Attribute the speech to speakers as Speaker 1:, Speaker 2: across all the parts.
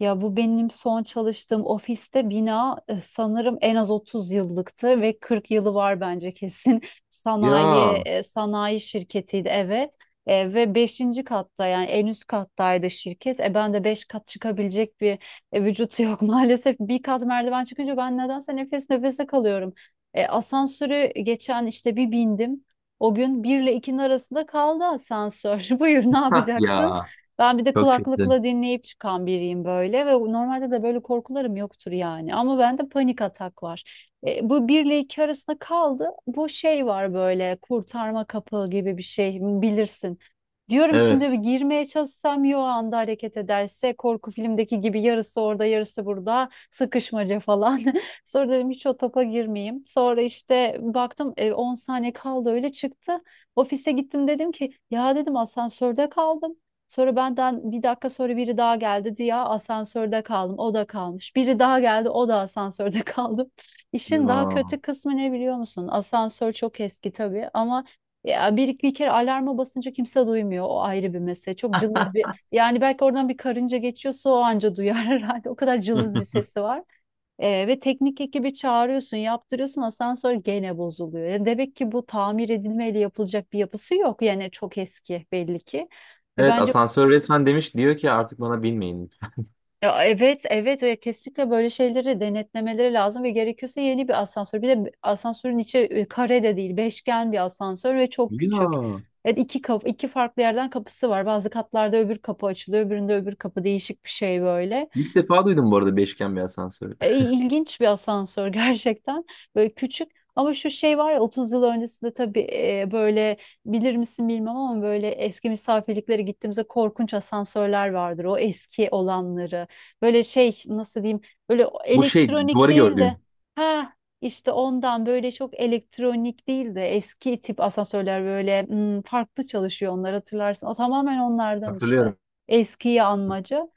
Speaker 1: Ya, bu benim son çalıştığım ofiste bina, sanırım en az 30 yıllıktı ve 40 yılı var bence kesin. Sanayi
Speaker 2: Ya.
Speaker 1: sanayi şirketiydi, evet. Ve beşinci katta yani en üst kattaydı şirket. Ben de 5 kat çıkabilecek bir vücut yok maalesef. Bir kat merdiven çıkınca ben nedense nefes nefese kalıyorum. Asansörü geçen işte bir bindim. O gün bir ile ikinin arasında kaldı asansör. Buyur, ne
Speaker 2: Hah
Speaker 1: yapacaksın?
Speaker 2: ya.
Speaker 1: Ben bir de
Speaker 2: Çok kötü.
Speaker 1: kulaklıkla dinleyip çıkan biriyim böyle ve normalde de böyle korkularım yoktur yani. Ama bende panik atak var. Bu bir ile iki arasında kaldı. Bu şey var böyle, kurtarma kapı gibi bir şey, bilirsin. Diyorum şimdi
Speaker 2: Evet.
Speaker 1: bir girmeye çalışsam yo anda hareket ederse korku filmdeki gibi yarısı orada yarısı burada sıkışmaca falan. Sonra dedim hiç o topa girmeyeyim. Sonra işte baktım 10 saniye kaldı, öyle çıktı. Ofise gittim, dedim ki ya, dedim, asansörde kaldım. Sonra benden bir dakika sonra biri daha geldi diye asansörde kaldım. O da kalmış. Biri daha geldi, o da asansörde kaldım. İşin daha
Speaker 2: Ya.
Speaker 1: kötü kısmı ne biliyor musun? Asansör çok eski tabii, ama ya bir kere alarma basınca kimse duymuyor. O ayrı bir mesele. Çok cılız bir, yani belki oradan bir karınca geçiyorsa o anca duyar herhalde. O kadar cılız bir sesi var. Ve teknik ekibi çağırıyorsun, yaptırıyorsun, asansör gene bozuluyor. Ya, demek ki bu tamir edilmeyle yapılacak bir yapısı yok. Yani çok eski, belli ki.
Speaker 2: Evet,
Speaker 1: Bence.
Speaker 2: asansör resmen demiş, diyor ki artık bana binmeyin lütfen.
Speaker 1: Ya, evet, evet, ya, kesinlikle böyle şeyleri denetlemeleri lazım ve gerekiyorsa yeni bir asansör. Bir de asansörün içi kare de değil, beşgen bir asansör ve çok küçük.
Speaker 2: Ya.
Speaker 1: Evet, iki kapı, iki farklı yerden kapısı var. Bazı katlarda öbür kapı açılıyor, öbüründe öbür kapı, değişik bir şey böyle.
Speaker 2: İlk defa duydum bu arada beşgen bir asansörü.
Speaker 1: İlginç bir asansör gerçekten. Böyle küçük, ama şu şey var ya, 30 yıl öncesinde tabii böyle, bilir misin bilmem ama böyle eski misafirliklere gittiğimizde korkunç asansörler vardır. O eski olanları. Böyle şey, nasıl diyeyim, böyle o
Speaker 2: Bu şey
Speaker 1: elektronik
Speaker 2: duvarı
Speaker 1: değil de,
Speaker 2: gördüğün.
Speaker 1: ha, işte ondan, böyle çok elektronik değil de eski tip asansörler böyle, farklı çalışıyor onlar, hatırlarsın. O tamamen onlardan işte.
Speaker 2: Hatırlıyorum.
Speaker 1: Eskiyi anmaca.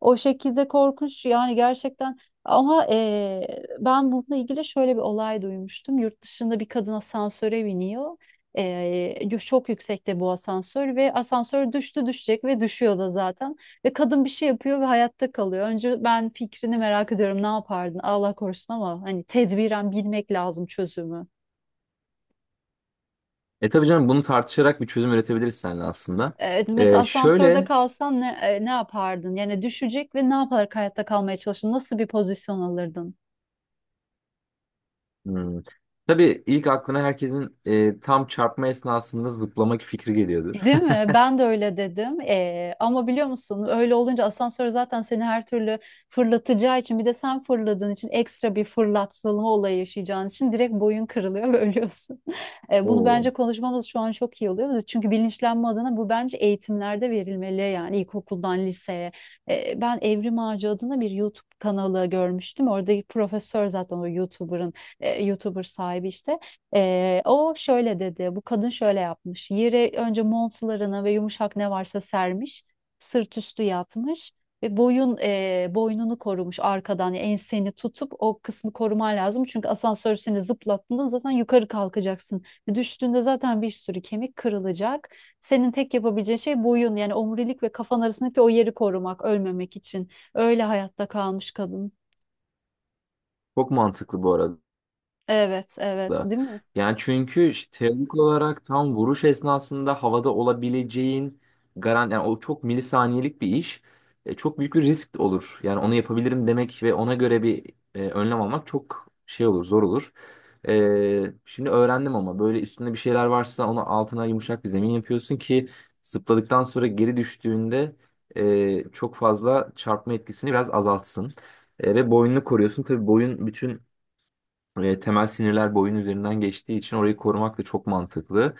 Speaker 1: O şekilde korkunç yani, gerçekten, ama ben bununla ilgili şöyle bir olay duymuştum. Yurt dışında bir kadın asansöre biniyor. Çok yüksekte bu asansör ve asansör düştü düşecek ve düşüyor da zaten. Ve kadın bir şey yapıyor ve hayatta kalıyor. Önce ben fikrini merak ediyorum, ne yapardın Allah korusun, ama hani tedbiren bilmek lazım çözümü.
Speaker 2: Tabii canım, bunu tartışarak bir çözüm üretebiliriz seninle aslında.
Speaker 1: Mesela
Speaker 2: E,
Speaker 1: asansörde
Speaker 2: şöyle
Speaker 1: kalsan ne, ne yapardın? Yani düşecek ve ne yaparak hayatta kalmaya çalışırdın? Nasıl bir pozisyon alırdın?
Speaker 2: hmm, tabii ilk aklına herkesin tam çarpma esnasında zıplamak fikri geliyordur.
Speaker 1: Değil mi? Ben de öyle dedim. Ama biliyor musun, öyle olunca asansör zaten seni her türlü fırlatacağı için, bir de sen fırladığın için ekstra bir fırlatılma olayı yaşayacağın için direkt boyun kırılıyor ve ölüyorsun. Bunu
Speaker 2: Oo.
Speaker 1: bence konuşmamız şu an çok iyi oluyor. Çünkü bilinçlenme adına bu bence eğitimlerde verilmeli, yani ilkokuldan liseye. Ben Evrim Ağacı adına bir YouTube kanalı görmüştüm. Oradaki profesör zaten o YouTuber sahibi işte. O şöyle dedi, bu kadın şöyle yapmış. Yere önce montlarını ve yumuşak ne varsa sermiş, sırt üstü yatmış ve boynunu korumuş arkadan, yani enseni tutup o kısmı koruman lazım. Çünkü asansör seni zıplattığında zaten yukarı kalkacaksın. Düştüğünde zaten bir sürü kemik kırılacak. Senin tek yapabileceğin şey boyun, yani omurilik ve kafan arasındaki o yeri korumak, ölmemek için. Öyle hayatta kalmış kadın.
Speaker 2: Çok mantıklı bu arada.
Speaker 1: Evet, evet,
Speaker 2: Da.
Speaker 1: değil mi?
Speaker 2: Yani çünkü işte teorik olarak tam vuruş esnasında havada olabileceğin garan, yani o çok milisaniyelik bir iş. Çok büyük bir risk olur. Yani onu yapabilirim demek ve ona göre bir önlem almak çok şey olur, zor olur. Şimdi öğrendim ama böyle üstünde bir şeyler varsa ona altına yumuşak bir zemin yapıyorsun ki zıpladıktan sonra geri düştüğünde çok fazla çarpma etkisini biraz azaltsın. Ve boynunu koruyorsun. Tabii boyun bütün temel sinirler boyun üzerinden geçtiği için orayı korumak da çok mantıklı.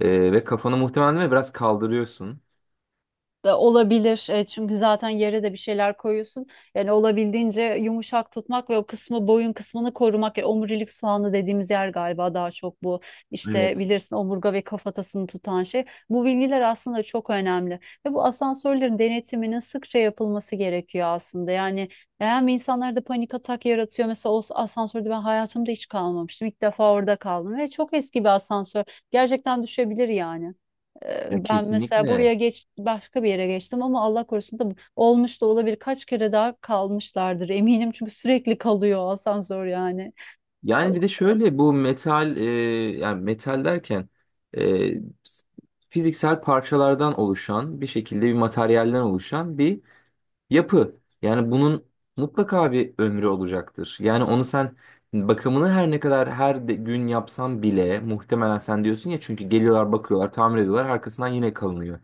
Speaker 2: Ve kafanı muhtemelen değil mi, biraz kaldırıyorsun.
Speaker 1: Da olabilir. Çünkü zaten yere de bir şeyler koyuyorsun. Yani olabildiğince yumuşak tutmak ve o kısmı boyun kısmını korumak. Yani omurilik soğanı dediğimiz yer galiba daha çok bu. İşte
Speaker 2: Evet.
Speaker 1: bilirsin, omurga ve kafatasını tutan şey. Bu bilgiler aslında çok önemli. Ve bu asansörlerin denetiminin sıkça yapılması gerekiyor aslında. Yani hem insanlarda panik atak yaratıyor. Mesela o asansörde ben hayatımda hiç kalmamıştım. İlk defa orada kaldım ve çok eski bir asansör. Gerçekten düşebilir yani.
Speaker 2: Ya,
Speaker 1: Ben mesela
Speaker 2: kesinlikle.
Speaker 1: buraya geç başka bir yere geçtim ama Allah korusun da olmuş da olabilir. Kaç kere daha kalmışlardır eminim çünkü sürekli kalıyor asansör yani. Ee,
Speaker 2: Yani bir de şöyle bu metal, yani metal derken e, fiziksel parçalardan oluşan bir şekilde bir materyalden oluşan bir yapı. Yani bunun mutlaka bir ömrü olacaktır. Yani onu sen bakımını her ne kadar her gün yapsan bile, muhtemelen sen diyorsun ya, çünkü geliyorlar, bakıyorlar, tamir ediyorlar, arkasından yine kalınıyor.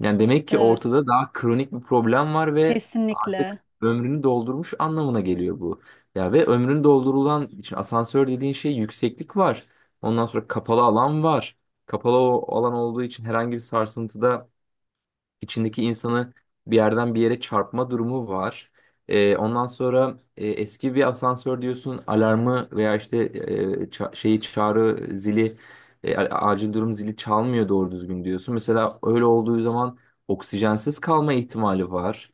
Speaker 2: Yani demek ki
Speaker 1: Evet,
Speaker 2: ortada daha kronik bir problem var ve artık
Speaker 1: kesinlikle.
Speaker 2: ömrünü doldurmuş anlamına geliyor bu. Ya ve ömrünü doldurulan için asansör dediğin şey, yükseklik var. Ondan sonra kapalı alan var. Kapalı o alan olduğu için herhangi bir sarsıntıda içindeki insanı bir yerden bir yere çarpma durumu var. Ondan sonra eski bir asansör diyorsun, alarmı veya işte şeyi çağrı zili, acil durum zili çalmıyor doğru düzgün diyorsun. Mesela öyle olduğu zaman oksijensiz kalma ihtimali var.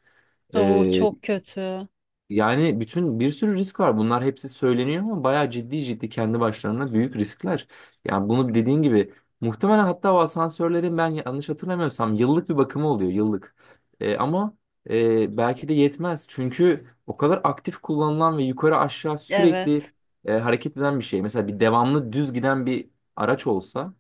Speaker 1: O
Speaker 2: Ee,
Speaker 1: çok kötü.
Speaker 2: yani bütün bir sürü risk var. Bunlar hepsi söyleniyor ama bayağı ciddi ciddi kendi başlarına büyük riskler. Yani bunu dediğin gibi muhtemelen, hatta o asansörlerin, ben yanlış hatırlamıyorsam yıllık bir bakımı oluyor yıllık. Ama belki de yetmez. Çünkü o kadar aktif kullanılan ve yukarı aşağı sürekli
Speaker 1: Evet.
Speaker 2: hareket eden bir şey. Mesela bir devamlı düz giden bir araç olsa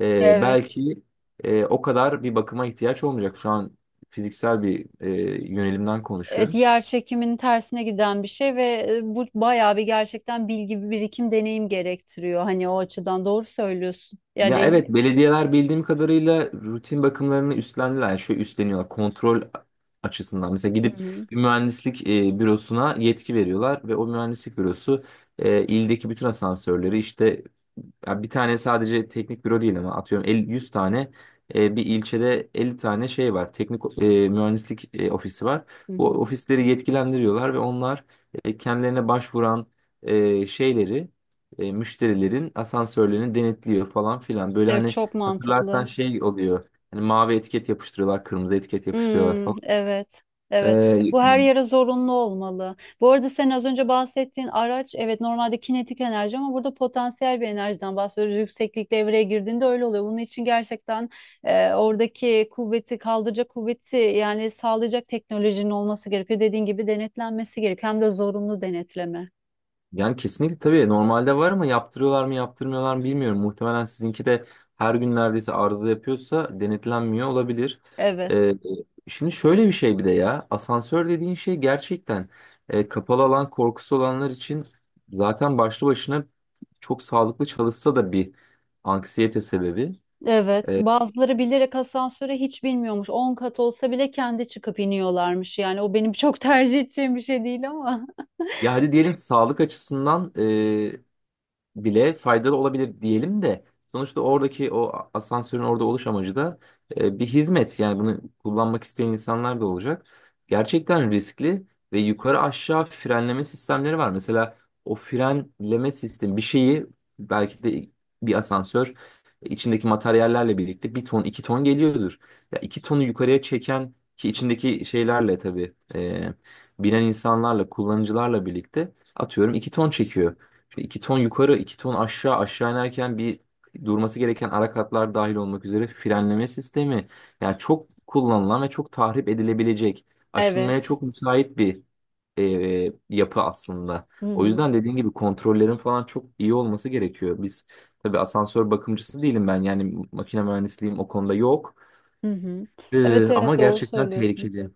Speaker 1: Evet.
Speaker 2: belki o kadar bir bakıma ihtiyaç olmayacak. Şu an fiziksel bir yönelimden
Speaker 1: Evet,
Speaker 2: konuşuyorum.
Speaker 1: yer çekiminin tersine giden bir şey ve bu bayağı bir, gerçekten bilgi, bir birikim, deneyim gerektiriyor. Hani o açıdan doğru söylüyorsun.
Speaker 2: Ya
Speaker 1: Yani.
Speaker 2: evet, belediyeler bildiğim kadarıyla rutin bakımlarını üstlendiler. Yani şöyle üstleniyorlar kontrol açısından. Mesela
Speaker 1: Hı
Speaker 2: gidip
Speaker 1: hı.
Speaker 2: bir mühendislik bürosuna yetki veriyorlar ve o mühendislik bürosu ildeki bütün asansörleri işte, ya bir tane sadece teknik büro değil ama atıyorum 50, 100 tane, bir ilçede 50 tane şey var. Teknik mühendislik ofisi var.
Speaker 1: Hı
Speaker 2: Bu
Speaker 1: hı.
Speaker 2: ofisleri yetkilendiriyorlar ve onlar kendilerine başvuran şeyleri, müşterilerin asansörlerini denetliyor falan filan. Böyle
Speaker 1: Evet,
Speaker 2: hani
Speaker 1: çok
Speaker 2: hatırlarsan
Speaker 1: mantıklı.
Speaker 2: şey oluyor. Hani mavi etiket yapıştırıyorlar, kırmızı etiket yapıştırıyorlar
Speaker 1: Hmm,
Speaker 2: falan.
Speaker 1: evet. Evet.
Speaker 2: E,
Speaker 1: Bu her yere zorunlu olmalı. Bu arada sen az önce bahsettiğin araç, evet, normalde kinetik enerji, ama burada potansiyel bir enerjiden bahsediyoruz. Yükseklik devreye girdiğinde öyle oluyor. Bunun için gerçekten oradaki kuvveti kaldıracak kuvveti, yani sağlayacak teknolojinin olması gerekiyor. Dediğin gibi denetlenmesi gerekiyor. Hem de zorunlu denetleme.
Speaker 2: Yani kesinlikle tabii, normalde var ama yaptırıyorlar mı yaptırmıyorlar mı bilmiyorum. Muhtemelen sizinki de her gün neredeyse arıza yapıyorsa denetlenmiyor olabilir.
Speaker 1: Evet.
Speaker 2: Ee, şimdi şöyle bir şey, bir de ya, asansör dediğin şey gerçekten kapalı alan korkusu olanlar için zaten başlı başına, çok sağlıklı çalışsa da bir anksiyete sebebi.
Speaker 1: Evet,
Speaker 2: Ee,
Speaker 1: bazıları bilerek asansöre hiç bilmiyormuş. 10 kat olsa bile kendi çıkıp iniyorlarmış. Yani o benim çok tercih edeceğim bir şey değil ama.
Speaker 2: ya hadi diyelim sağlık açısından bile faydalı olabilir diyelim de, sonuçta oradaki o asansörün orada oluş amacı da bir hizmet. Yani bunu kullanmak isteyen insanlar da olacak. Gerçekten riskli ve yukarı aşağı frenleme sistemleri var. Mesela o frenleme sistemi bir şeyi belki de bir asansör içindeki materyallerle birlikte bir ton iki ton geliyordur. Ya iki tonu yukarıya çeken, ki içindeki şeylerle tabii binen insanlarla, kullanıcılarla birlikte atıyorum iki ton çekiyor. Şimdi iki ton yukarı, iki ton aşağı, aşağı inerken bir durması gereken ara katlar dahil olmak üzere frenleme sistemi. Yani çok kullanılan ve çok tahrip edilebilecek, aşınmaya
Speaker 1: Evet.
Speaker 2: çok müsait bir yapı aslında.
Speaker 1: Hı
Speaker 2: O
Speaker 1: hı.
Speaker 2: yüzden dediğin gibi kontrollerin falan çok iyi olması gerekiyor. Biz, tabii asansör bakımcısı değilim ben. Yani makine mühendisliğim o konuda yok.
Speaker 1: Hı hı.
Speaker 2: Ee,
Speaker 1: Evet,
Speaker 2: ama
Speaker 1: evet, doğru
Speaker 2: gerçekten
Speaker 1: söylüyorsun.
Speaker 2: tehlikeli.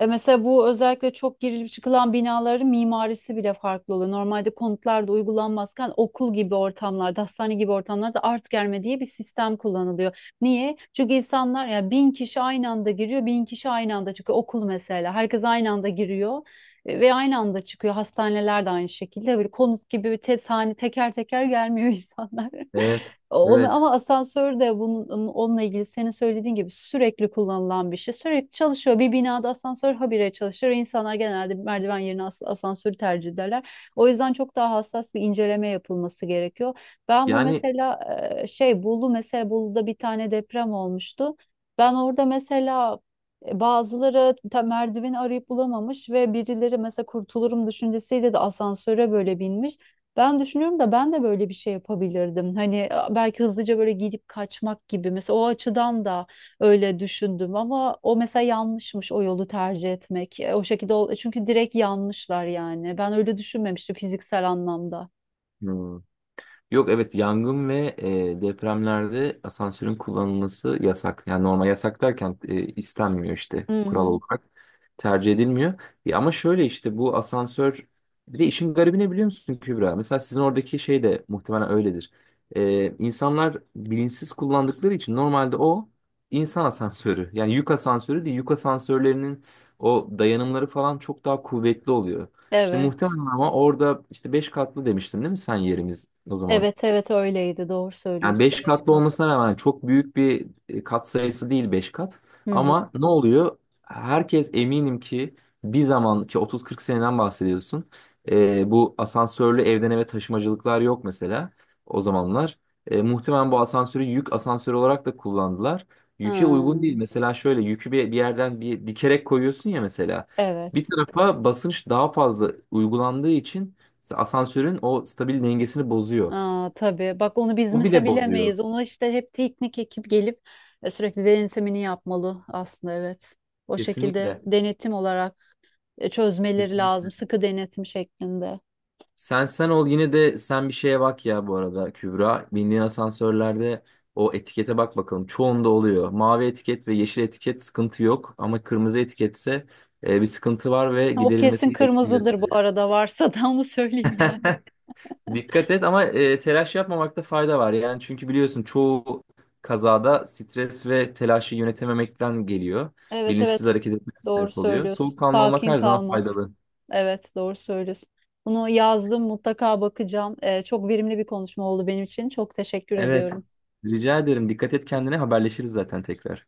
Speaker 1: Mesela bu özellikle çok girilip çıkılan binaların mimarisi bile farklı oluyor. Normalde konutlarda uygulanmazken okul gibi ortamlarda, hastane gibi ortamlarda art germe diye bir sistem kullanılıyor. Niye? Çünkü insanlar ya 1000 kişi aynı anda giriyor, 1000 kişi aynı anda çıkıyor. Okul mesela herkes aynı anda giriyor ve aynı anda çıkıyor. Hastaneler de aynı şekilde, böyle konut gibi bir tes hani teker teker gelmiyor insanlar.
Speaker 2: Evet,
Speaker 1: O,
Speaker 2: evet.
Speaker 1: ama asansör de bunun, onunla ilgili senin söylediğin gibi sürekli kullanılan bir şey. Sürekli çalışıyor. Bir binada asansör habire çalışır. İnsanlar genelde merdiven yerine asansörü tercih ederler. O yüzden çok daha hassas bir inceleme yapılması gerekiyor. Ben bu
Speaker 2: Yani
Speaker 1: mesela Bolu'da bir tane deprem olmuştu. Ben orada mesela e, Bazıları merdiveni arayıp bulamamış ve birileri mesela kurtulurum düşüncesiyle de asansöre böyle binmiş. Ben düşünüyorum da ben de böyle bir şey yapabilirdim. Hani belki hızlıca böyle gidip kaçmak gibi. Mesela o açıdan da öyle düşündüm ama o mesela yanlışmış o yolu tercih etmek. O şekilde çünkü direkt yanlışlar yani. Ben öyle düşünmemiştim fiziksel anlamda.
Speaker 2: hmm. Yok evet, yangın ve depremlerde asansörün kullanılması yasak. Yani normal yasak derken istenmiyor işte,
Speaker 1: Hı
Speaker 2: kural
Speaker 1: hı.
Speaker 2: olarak. Tercih edilmiyor. Ya, ama şöyle işte bu asansör, bir de işin garibi ne biliyor musun Kübra? Mesela sizin oradaki şey de muhtemelen öyledir. E, insanlar bilinçsiz kullandıkları için normalde o insan asansörü. Yani yük asansörü değil. Yük asansörlerinin o dayanımları falan çok daha kuvvetli oluyor. Şimdi
Speaker 1: Evet.
Speaker 2: muhtemelen, ama orada işte 5 katlı demiştin değil mi sen, yerimiz o zaman?
Speaker 1: Evet, evet, öyleydi. Doğru
Speaker 2: Yani
Speaker 1: söylüyorsun.
Speaker 2: 5
Speaker 1: Beş
Speaker 2: katlı
Speaker 1: kat.
Speaker 2: olmasına rağmen çok büyük bir kat sayısı değil 5 kat.
Speaker 1: Hı hı.
Speaker 2: Ama ne oluyor? Herkes eminim ki bir zaman ki 30-40 seneden bahsediyorsun. Bu asansörlü evden eve taşımacılıklar yok mesela o zamanlar. Muhtemelen bu asansörü yük asansörü olarak da kullandılar.
Speaker 1: Ha,
Speaker 2: Yüke uygun değil. Mesela şöyle yükü bir yerden bir dikerek koyuyorsun ya mesela. Bir
Speaker 1: evet.
Speaker 2: tarafa basınç daha fazla uygulandığı için asansörün o stabil dengesini bozuyor.
Speaker 1: Aa, tabii. Bak, onu biz
Speaker 2: O
Speaker 1: mesela
Speaker 2: bile bozuyor.
Speaker 1: bilemeyiz. Ona işte hep teknik ekip gelip sürekli denetimini yapmalı aslında, evet. O şekilde
Speaker 2: Kesinlikle.
Speaker 1: denetim olarak çözmeleri
Speaker 2: Kesinlikle.
Speaker 1: lazım. Sıkı denetim şeklinde.
Speaker 2: Sen sen ol, yine de sen bir şeye bak ya bu arada Kübra. Bindiğin asansörlerde o etikete bak bakalım. Çoğunda oluyor. Mavi etiket ve yeşil etiket sıkıntı yok ama kırmızı etiketse bir sıkıntı var ve
Speaker 1: O
Speaker 2: giderilmesi
Speaker 1: kesin
Speaker 2: gerektiğini
Speaker 1: kırmızıdır bu
Speaker 2: gösteriyor.
Speaker 1: arada, varsa da onu söyleyeyim yani.
Speaker 2: Dikkat et ama telaş yapmamakta fayda var. Yani çünkü biliyorsun, çoğu kazada stres ve telaşı yönetememekten geliyor.
Speaker 1: Evet,
Speaker 2: Bilinçsiz
Speaker 1: evet.
Speaker 2: hareket etmek
Speaker 1: Doğru
Speaker 2: sebep oluyor.
Speaker 1: söylüyorsun.
Speaker 2: Soğukkanlı olmak
Speaker 1: Sakin
Speaker 2: her zaman
Speaker 1: kalmak.
Speaker 2: faydalı.
Speaker 1: Evet, doğru söylüyorsun. Bunu yazdım, mutlaka bakacağım. Çok verimli bir konuşma oldu benim için. Çok teşekkür
Speaker 2: Evet.
Speaker 1: ediyorum.
Speaker 2: Rica ederim. Dikkat et kendine. Haberleşiriz zaten tekrar.